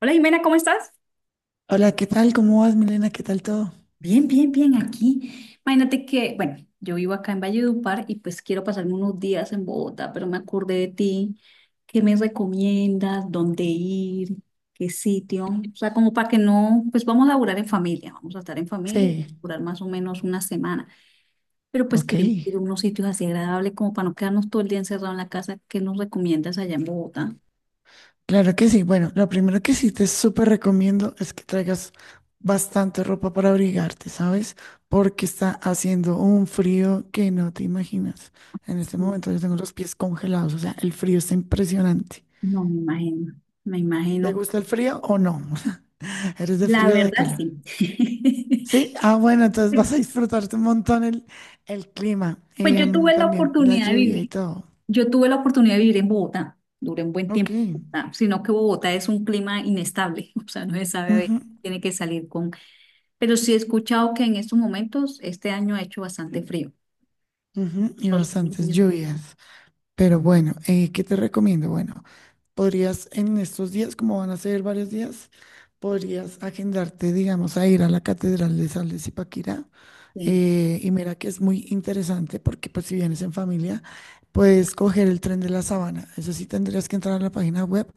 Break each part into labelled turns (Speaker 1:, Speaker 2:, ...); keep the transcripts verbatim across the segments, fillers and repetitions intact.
Speaker 1: Hola Jimena, ¿cómo estás?
Speaker 2: Hola, ¿qué tal? ¿Cómo vas, Milena? ¿Qué tal todo?
Speaker 1: Bien, bien, bien, aquí. Imagínate que, bueno, yo vivo acá en Valledupar y pues quiero pasarme unos días en Bogotá, pero me acordé de ti. ¿Qué me recomiendas? ¿Dónde ir? ¿Qué sitio? O sea, como para que no, pues vamos a laburar en familia, vamos a estar en familia, y
Speaker 2: Sí,
Speaker 1: durar más o menos una semana, pero pues
Speaker 2: ok.
Speaker 1: queremos ir a unos sitios así agradables como para no quedarnos todo el día encerrado en la casa. ¿Qué nos recomiendas allá en Bogotá?
Speaker 2: Claro que sí. Bueno, lo primero que sí te súper recomiendo es que traigas bastante ropa para abrigarte, ¿sabes? Porque está haciendo un frío que no te imaginas. En este
Speaker 1: Sí,
Speaker 2: momento yo tengo los pies congelados, o sea, el frío está impresionante.
Speaker 1: no, me imagino, me
Speaker 2: ¿Te
Speaker 1: imagino.
Speaker 2: gusta el frío o no? ¿Eres de
Speaker 1: La
Speaker 2: frío o de
Speaker 1: verdad,
Speaker 2: calor?
Speaker 1: sí.
Speaker 2: Sí, ah, bueno, entonces vas a disfrutarte un montón el, el clima,
Speaker 1: Pues yo
Speaker 2: em,
Speaker 1: tuve la
Speaker 2: también la
Speaker 1: oportunidad de
Speaker 2: lluvia y
Speaker 1: vivir,
Speaker 2: todo.
Speaker 1: yo tuve la oportunidad de vivir en Bogotá, duré un buen
Speaker 2: Ok.
Speaker 1: tiempo en Bogotá, sino que Bogotá es un clima inestable, o sea, no se sabe,
Speaker 2: Ujú.
Speaker 1: tiene que salir con, pero sí he escuchado que en estos momentos, este año ha hecho bastante frío.
Speaker 2: Ujú, y
Speaker 1: Los
Speaker 2: bastantes
Speaker 1: últimos
Speaker 2: lluvias. Pero bueno, eh, ¿qué te recomiendo? Bueno, podrías en estos días, como van a ser varios días, podrías agendarte, digamos, a ir a la Catedral de San Luis Paquirá.
Speaker 1: sí,
Speaker 2: Eh, y mira que es muy interesante porque pues si vienes en familia, puedes coger el tren de la Sabana. Eso sí, tendrías que entrar a la página web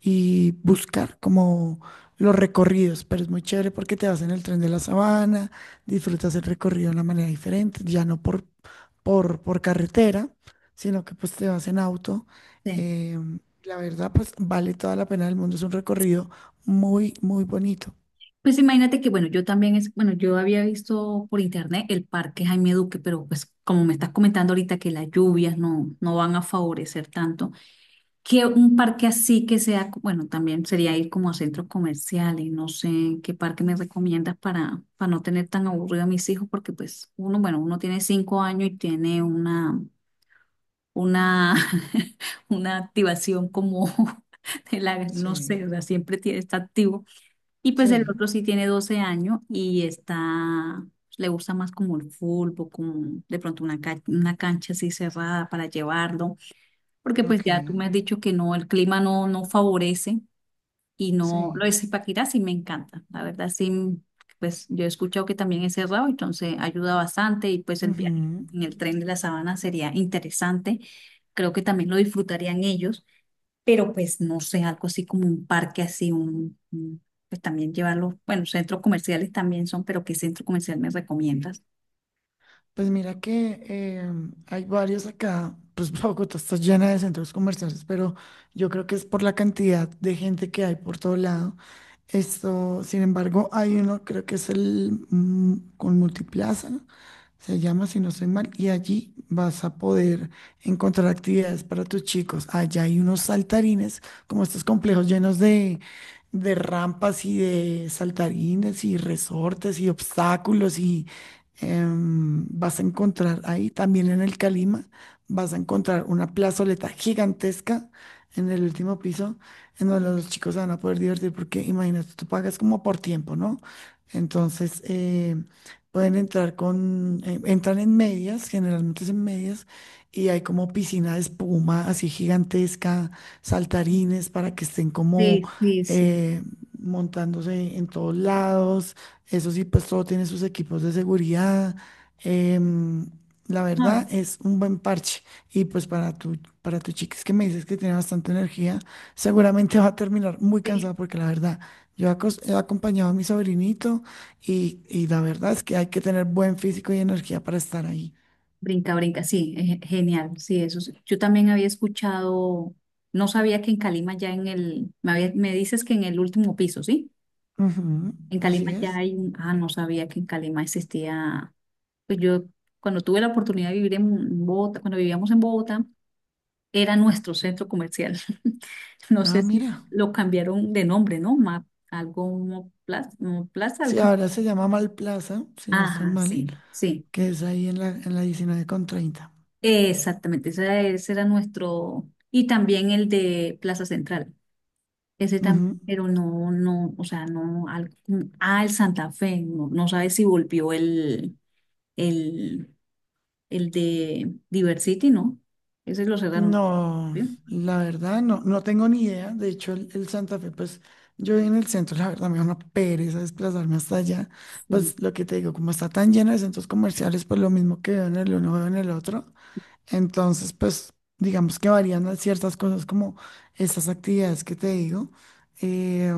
Speaker 2: y buscar como los recorridos, pero es muy chévere porque te vas en el tren de la Sabana, disfrutas el recorrido de una manera diferente, ya no por por, por carretera, sino que pues te vas en auto.
Speaker 1: sí.
Speaker 2: Em, la verdad, pues vale toda la pena del mundo. Es un recorrido muy, muy bonito.
Speaker 1: Pues imagínate que, bueno, yo también es, bueno, yo había visto por internet el parque Jaime Duque, pero pues como me estás comentando ahorita que las lluvias no, no van a favorecer tanto. Que un parque así que sea, co- bueno, también sería ir como a centros comerciales, no sé qué parque me recomiendas para, para, no tener tan aburrido a mis hijos, porque pues uno, bueno, uno tiene cinco años y tiene una, una, una activación como de la, no sé,
Speaker 2: Sí,
Speaker 1: o sea, siempre tiene, está activo. Y pues el
Speaker 2: sí,
Speaker 1: otro sí tiene doce años y está, pues, le gusta más como el fútbol, como de pronto una, ca- una cancha así cerrada para llevarlo. Porque pues
Speaker 2: ok,
Speaker 1: ya tú me has dicho que no, el clima no, no favorece y no,
Speaker 2: sí.
Speaker 1: lo de Zipaquirá sí me encanta. La verdad sí, pues yo he escuchado que también es cerrado, entonces ayuda bastante y pues el viaje
Speaker 2: Ujú.
Speaker 1: en el tren de la sabana sería interesante. Creo que también lo disfrutarían ellos, pero pues no sé, algo así como un parque así, un, un- pues también llevarlo, bueno, centros comerciales también son, pero ¿qué centro comercial me recomiendas?
Speaker 2: Pues mira que eh, hay varios acá, pues Bogotá está llena de centros comerciales, pero yo creo que es por la cantidad de gente que hay por todo lado. Esto, sin embargo, hay uno, creo que es el mm, con Multiplaza, se llama, si no estoy mal, y allí vas a poder encontrar actividades para tus chicos. Allá hay unos saltarines, como estos complejos llenos de, de, rampas y de saltarines y resortes y obstáculos y em, vas a encontrar ahí, también en el Calima, vas a encontrar una plazoleta gigantesca en el último piso, en donde los chicos se van a poder divertir, porque imagínate, tú pagas como por tiempo, ¿no? Entonces, eh, pueden entrar con, eh, entran en medias, generalmente es en medias, y hay como piscina de espuma así gigantesca, saltarines para que estén como...
Speaker 1: Sí, sí, sí.
Speaker 2: eh, montándose en todos lados, eso sí, pues todo tiene sus equipos de seguridad. em, la
Speaker 1: Ay,
Speaker 2: verdad es un buen parche. Y pues para tu, para tu, chica, es que me dices que tiene bastante energía, seguramente va a terminar muy
Speaker 1: sí.
Speaker 2: cansada porque la verdad, yo acos- he acompañado a mi sobrinito y, y la verdad es que hay que tener buen físico y energía para estar ahí.
Speaker 1: Brinca, brinca, sí, es genial, sí, eso sí. Yo también había escuchado, no sabía que en Calima ya en el, me, había- me dices que en el último piso, ¿sí?
Speaker 2: Ujú,
Speaker 1: En
Speaker 2: así
Speaker 1: Calima ya
Speaker 2: es.
Speaker 1: hay un, ah, no sabía que en Calima existía, pues yo cuando tuve la oportunidad de vivir en Bogotá, cuando vivíamos en Bogotá, era nuestro centro comercial. No
Speaker 2: Ah,
Speaker 1: sé si
Speaker 2: mira.
Speaker 1: lo cambiaron de nombre, ¿no? Ma- algo, Plaza, Plaza,
Speaker 2: Sí,
Speaker 1: algo así.
Speaker 2: ahora se llama Malplaza, si no estoy
Speaker 1: Ajá,
Speaker 2: mal,
Speaker 1: sí, sí.
Speaker 2: que es ahí en la, en la, diecinueve con treinta.
Speaker 1: Exactamente, ese, ese era nuestro, y también el de Plaza Central, ese también,
Speaker 2: Ujú.
Speaker 1: pero no, no, o sea, no, al, al Santa Fe, no, no sabes si volvió el, el, el de Diversity, ¿no? Ese lo cerraron.
Speaker 2: No,
Speaker 1: ¿Sí?
Speaker 2: la verdad no, no tengo ni idea. De hecho, el, el Santa Fe, pues yo vivo en el centro, la verdad me da una pereza desplazarme hasta allá.
Speaker 1: Sí,
Speaker 2: Pues lo que te digo, como está tan lleno de centros comerciales, pues lo mismo que veo en el uno, veo en el otro. Entonces, pues, digamos que varían a ciertas cosas como esas actividades que te digo. Eh,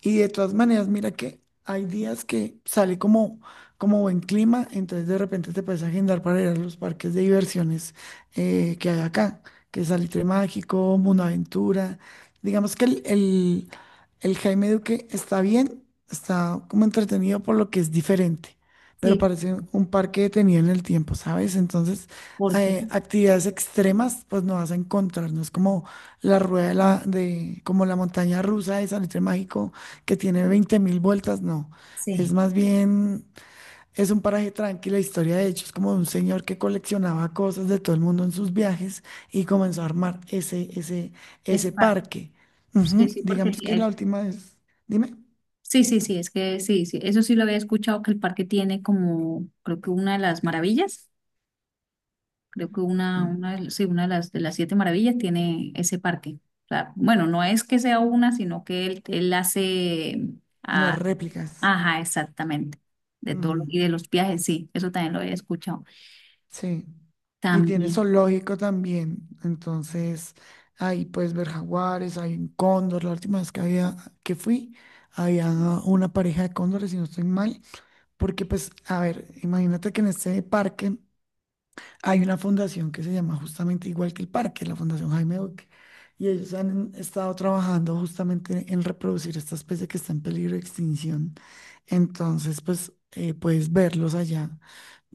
Speaker 2: y de todas maneras, mira que hay días que sale como, como, buen clima, entonces de repente te puedes agendar para ir a los parques de diversiones eh, que hay acá, que es Salitre Mágico, Mundo Aventura. Digamos que el, el, el Jaime Duque está bien, está como entretenido por lo que es diferente, pero
Speaker 1: sí,
Speaker 2: parece un parque detenido en el tiempo, ¿sabes? Entonces
Speaker 1: porque,
Speaker 2: eh, actividades extremas, pues no vas a encontrar, no es como la rueda de la, de, como la montaña rusa de Salitre Mágico que tiene veinte mil vueltas, no. Es
Speaker 1: sí,
Speaker 2: más bien, es un paraje tranquilo, la historia de hecho es como de un señor que coleccionaba cosas de todo el mundo en sus viajes y comenzó a armar ese, ese,
Speaker 1: esa
Speaker 2: ese
Speaker 1: parte,
Speaker 2: parque.
Speaker 1: sí,
Speaker 2: Ujú,
Speaker 1: sí, porque
Speaker 2: digamos que
Speaker 1: el-
Speaker 2: la última es, dime,
Speaker 1: sí, sí, sí, es que sí, sí, eso sí lo había escuchado que el parque tiene como, creo que una de las maravillas. Creo que una,
Speaker 2: mm,
Speaker 1: una, sí, una de las, de las siete maravillas tiene ese parque. O sea, bueno, no es que sea una, sino que él, él hace,
Speaker 2: las
Speaker 1: ah,
Speaker 2: réplicas.
Speaker 1: ajá, exactamente, de todo lo- y de los viajes, sí, eso también lo he escuchado.
Speaker 2: Sí, y tiene
Speaker 1: También,
Speaker 2: zoológico también. Entonces, ahí puedes ver jaguares, hay un cóndor. La última vez que había que fui, había una pareja de cóndores, si no estoy mal, porque pues, a ver, imagínate que en este parque hay una fundación que se llama justamente igual que el parque, la Fundación Jaime Duque. Y ellos han estado trabajando justamente en reproducir esta especie que está en peligro de extinción. Entonces, pues, eh, puedes verlos allá.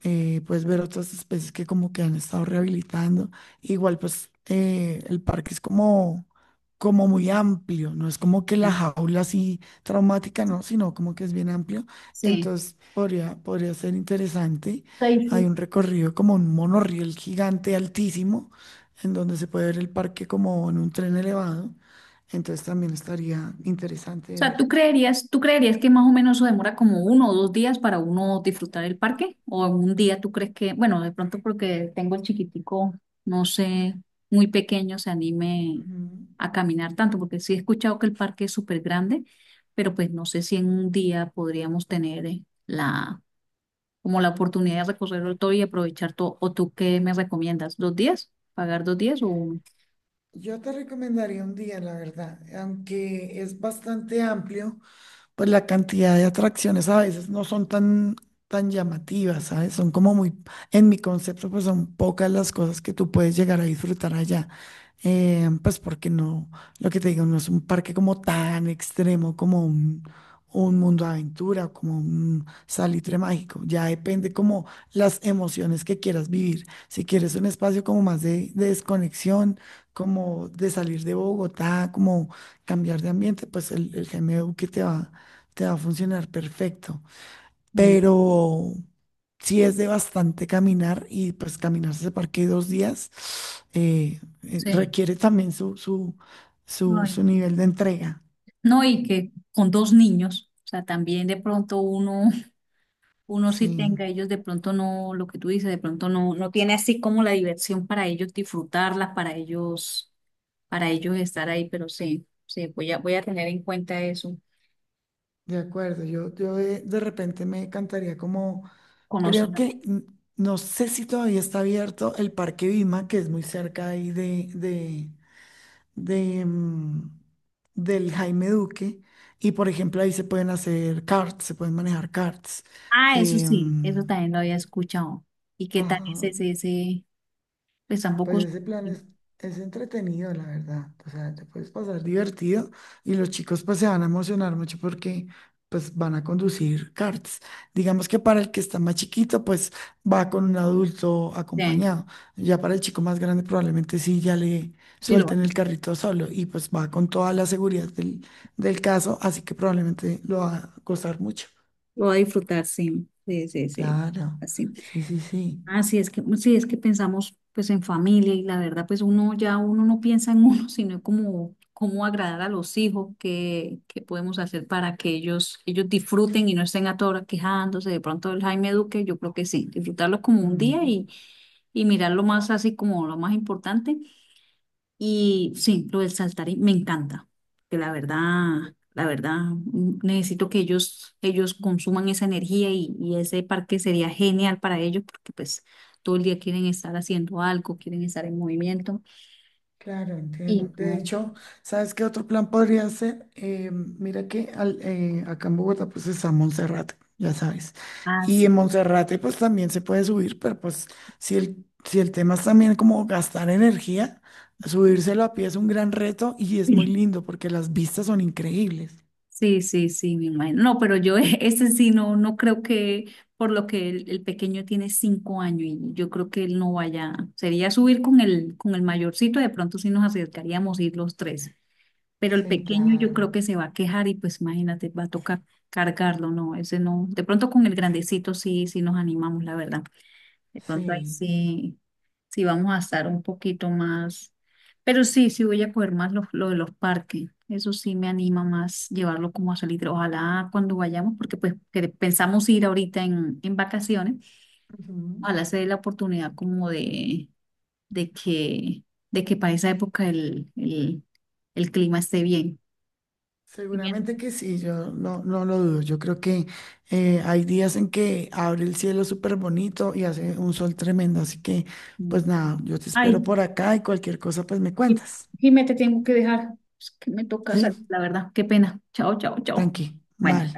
Speaker 2: eh, Puedes ver otras especies que como que han estado rehabilitando. Igual pues eh, el parque es como, como, muy amplio, no es como que la jaula así traumática, no, sino como que es bien amplio.
Speaker 1: sí.
Speaker 2: Entonces podría, podría ser interesante. Hay
Speaker 1: Sí.
Speaker 2: un recorrido como un monorriel gigante altísimo, en donde se puede ver el parque como en un tren elevado. Entonces también estaría interesante
Speaker 1: O
Speaker 2: de
Speaker 1: sea, ¿tú
Speaker 2: ver.
Speaker 1: creerías, tú creerías que más o menos eso demora como uno o dos días para uno disfrutar el parque? ¿O en un día tú crees que, bueno, de pronto porque tengo el chiquitico, no sé, muy pequeño, se anime
Speaker 2: Ujú.
Speaker 1: a caminar tanto? Porque sí he escuchado que el parque es súper grande, pero pues no sé si en un día podríamos tener eh, la, como la oportunidad de recorrerlo todo y aprovechar todo. ¿O tú qué me recomiendas? ¿Dos días? ¿Pagar dos días o uno?
Speaker 2: Yo te recomendaría un día, la verdad, aunque es bastante amplio pues la cantidad de atracciones a veces no son tan, tan llamativas, ¿sabes? Son como muy, en mi concepto, pues son pocas las cosas que tú puedes llegar a disfrutar allá. Eh, pues porque no, lo que te digo, no es un parque como tan extremo como un, un, mundo de aventura o como un salitre mágico. Ya depende como las emociones que quieras vivir. Si quieres un espacio como más de, de, desconexión, como de salir de Bogotá, como cambiar de ambiente, pues el, el G M U que te va te va a funcionar perfecto.
Speaker 1: Eh,
Speaker 2: Pero si es de bastante caminar y pues caminarse ese parque dos días, eh, eh,
Speaker 1: Sí.
Speaker 2: requiere también su, su,
Speaker 1: No,
Speaker 2: su, su nivel de entrega.
Speaker 1: no, y que con dos niños, o sea, también de pronto uno, uno sí
Speaker 2: Sí,
Speaker 1: tenga, ellos de pronto no, lo que tú dices, de pronto no, no tiene así como la diversión para ellos disfrutarla, para ellos, para ellos estar ahí, pero sí, sí, voy a, voy a tener en cuenta eso,
Speaker 2: de acuerdo. Yo, yo de, de repente me encantaría como, creo
Speaker 1: conocerlo.
Speaker 2: que, mm, no sé si todavía está abierto el Parque Vima, que es muy cerca ahí de, de, de, mm, del Jaime Duque. Y por ejemplo, ahí se pueden hacer karts, se pueden manejar karts.
Speaker 1: Ah, eso sí, eso
Speaker 2: em,
Speaker 1: también lo había escuchado. ¿Y qué tal es
Speaker 2: ajá.
Speaker 1: ese, ese, pues
Speaker 2: Pues
Speaker 1: tampoco, sí,
Speaker 2: ese plan es, es entretenido, la verdad. O sea, te puedes pasar divertido y los chicos pues se van a emocionar mucho porque pues van a conducir karts. Digamos que para el que está más chiquito pues va con un adulto acompañado. Ya para el chico más grande probablemente sí ya le
Speaker 1: sí lo va,
Speaker 2: suelten el carrito solo y pues va con toda la seguridad del, del, caso, así que probablemente lo va a costar mucho.
Speaker 1: lo va a disfrutar, sí, sí, sí, sí,
Speaker 2: Claro,
Speaker 1: así.
Speaker 2: sí, sí, sí.
Speaker 1: Así es que, pues, sí, es que pensamos pues en familia y la verdad pues uno ya uno no piensa en uno, sino como cómo agradar a los hijos, qué, qué podemos hacer para que ellos, ellos disfruten y no estén a toda hora quejándose. De pronto el Jaime Duque, yo creo que sí, disfrutarlo como un día
Speaker 2: Ujú.
Speaker 1: y, y mirarlo más así como lo más importante. Y sí, lo del saltarín me encanta, que la verdad, la verdad, mm, necesito que ellos, ellos consuman esa energía y, y ese parque sería genial para ellos porque pues todo el día quieren estar haciendo algo, quieren estar en movimiento
Speaker 2: Claro, entiendo.
Speaker 1: y
Speaker 2: De
Speaker 1: no,
Speaker 2: hecho, ¿sabes qué otro plan podría ser? Eh, mira que al- eh, acá en Bogotá pues está Monserrate, ya sabes.
Speaker 1: ah,
Speaker 2: Y
Speaker 1: sí.
Speaker 2: en Monserrate pues también se puede subir, pero pues si el, si el tema es también como gastar energía, subírselo a pie es un gran reto y es muy lindo porque las vistas son increíbles.
Speaker 1: Sí, sí, sí, me imagino. No, pero yo e- ese sí no, no, creo que, por lo que el, el pequeño tiene cinco años y yo creo que él no vaya, sería subir con el, con el mayorcito, de pronto sí nos acercaríamos a ir los tres. Pero el
Speaker 2: Sí,
Speaker 1: pequeño yo creo
Speaker 2: claro.
Speaker 1: que se va a quejar y pues imagínate, va a tocar cargarlo, no, ese no, de pronto con el grandecito sí, sí nos animamos, la verdad, de pronto ahí
Speaker 2: Sí.
Speaker 1: sí, sí vamos a estar un poquito más, pero sí, sí voy a coger más lo, lo de los parques, eso sí me anima más llevarlo como a salir, ojalá cuando vayamos, porque pues que pensamos ir ahorita en, en, vacaciones, ojalá se dé la oportunidad como de, de que, de que, para esa época el, el, el clima esté bien. Sí,
Speaker 2: Seguramente que sí, yo no, no lo dudo. Yo creo que eh, hay días en que abre el cielo súper bonito y hace un sol tremendo. Así que, pues
Speaker 1: bien.
Speaker 2: nada, yo te espero
Speaker 1: Ay,
Speaker 2: por acá y cualquier cosa, pues me
Speaker 1: Jim-
Speaker 2: cuentas.
Speaker 1: Jimé, te tengo que dejar. Es que me toca salir,
Speaker 2: Sí,
Speaker 1: la verdad. Qué pena. Chao, chao, chao.
Speaker 2: tranqui,
Speaker 1: Bueno.
Speaker 2: vale.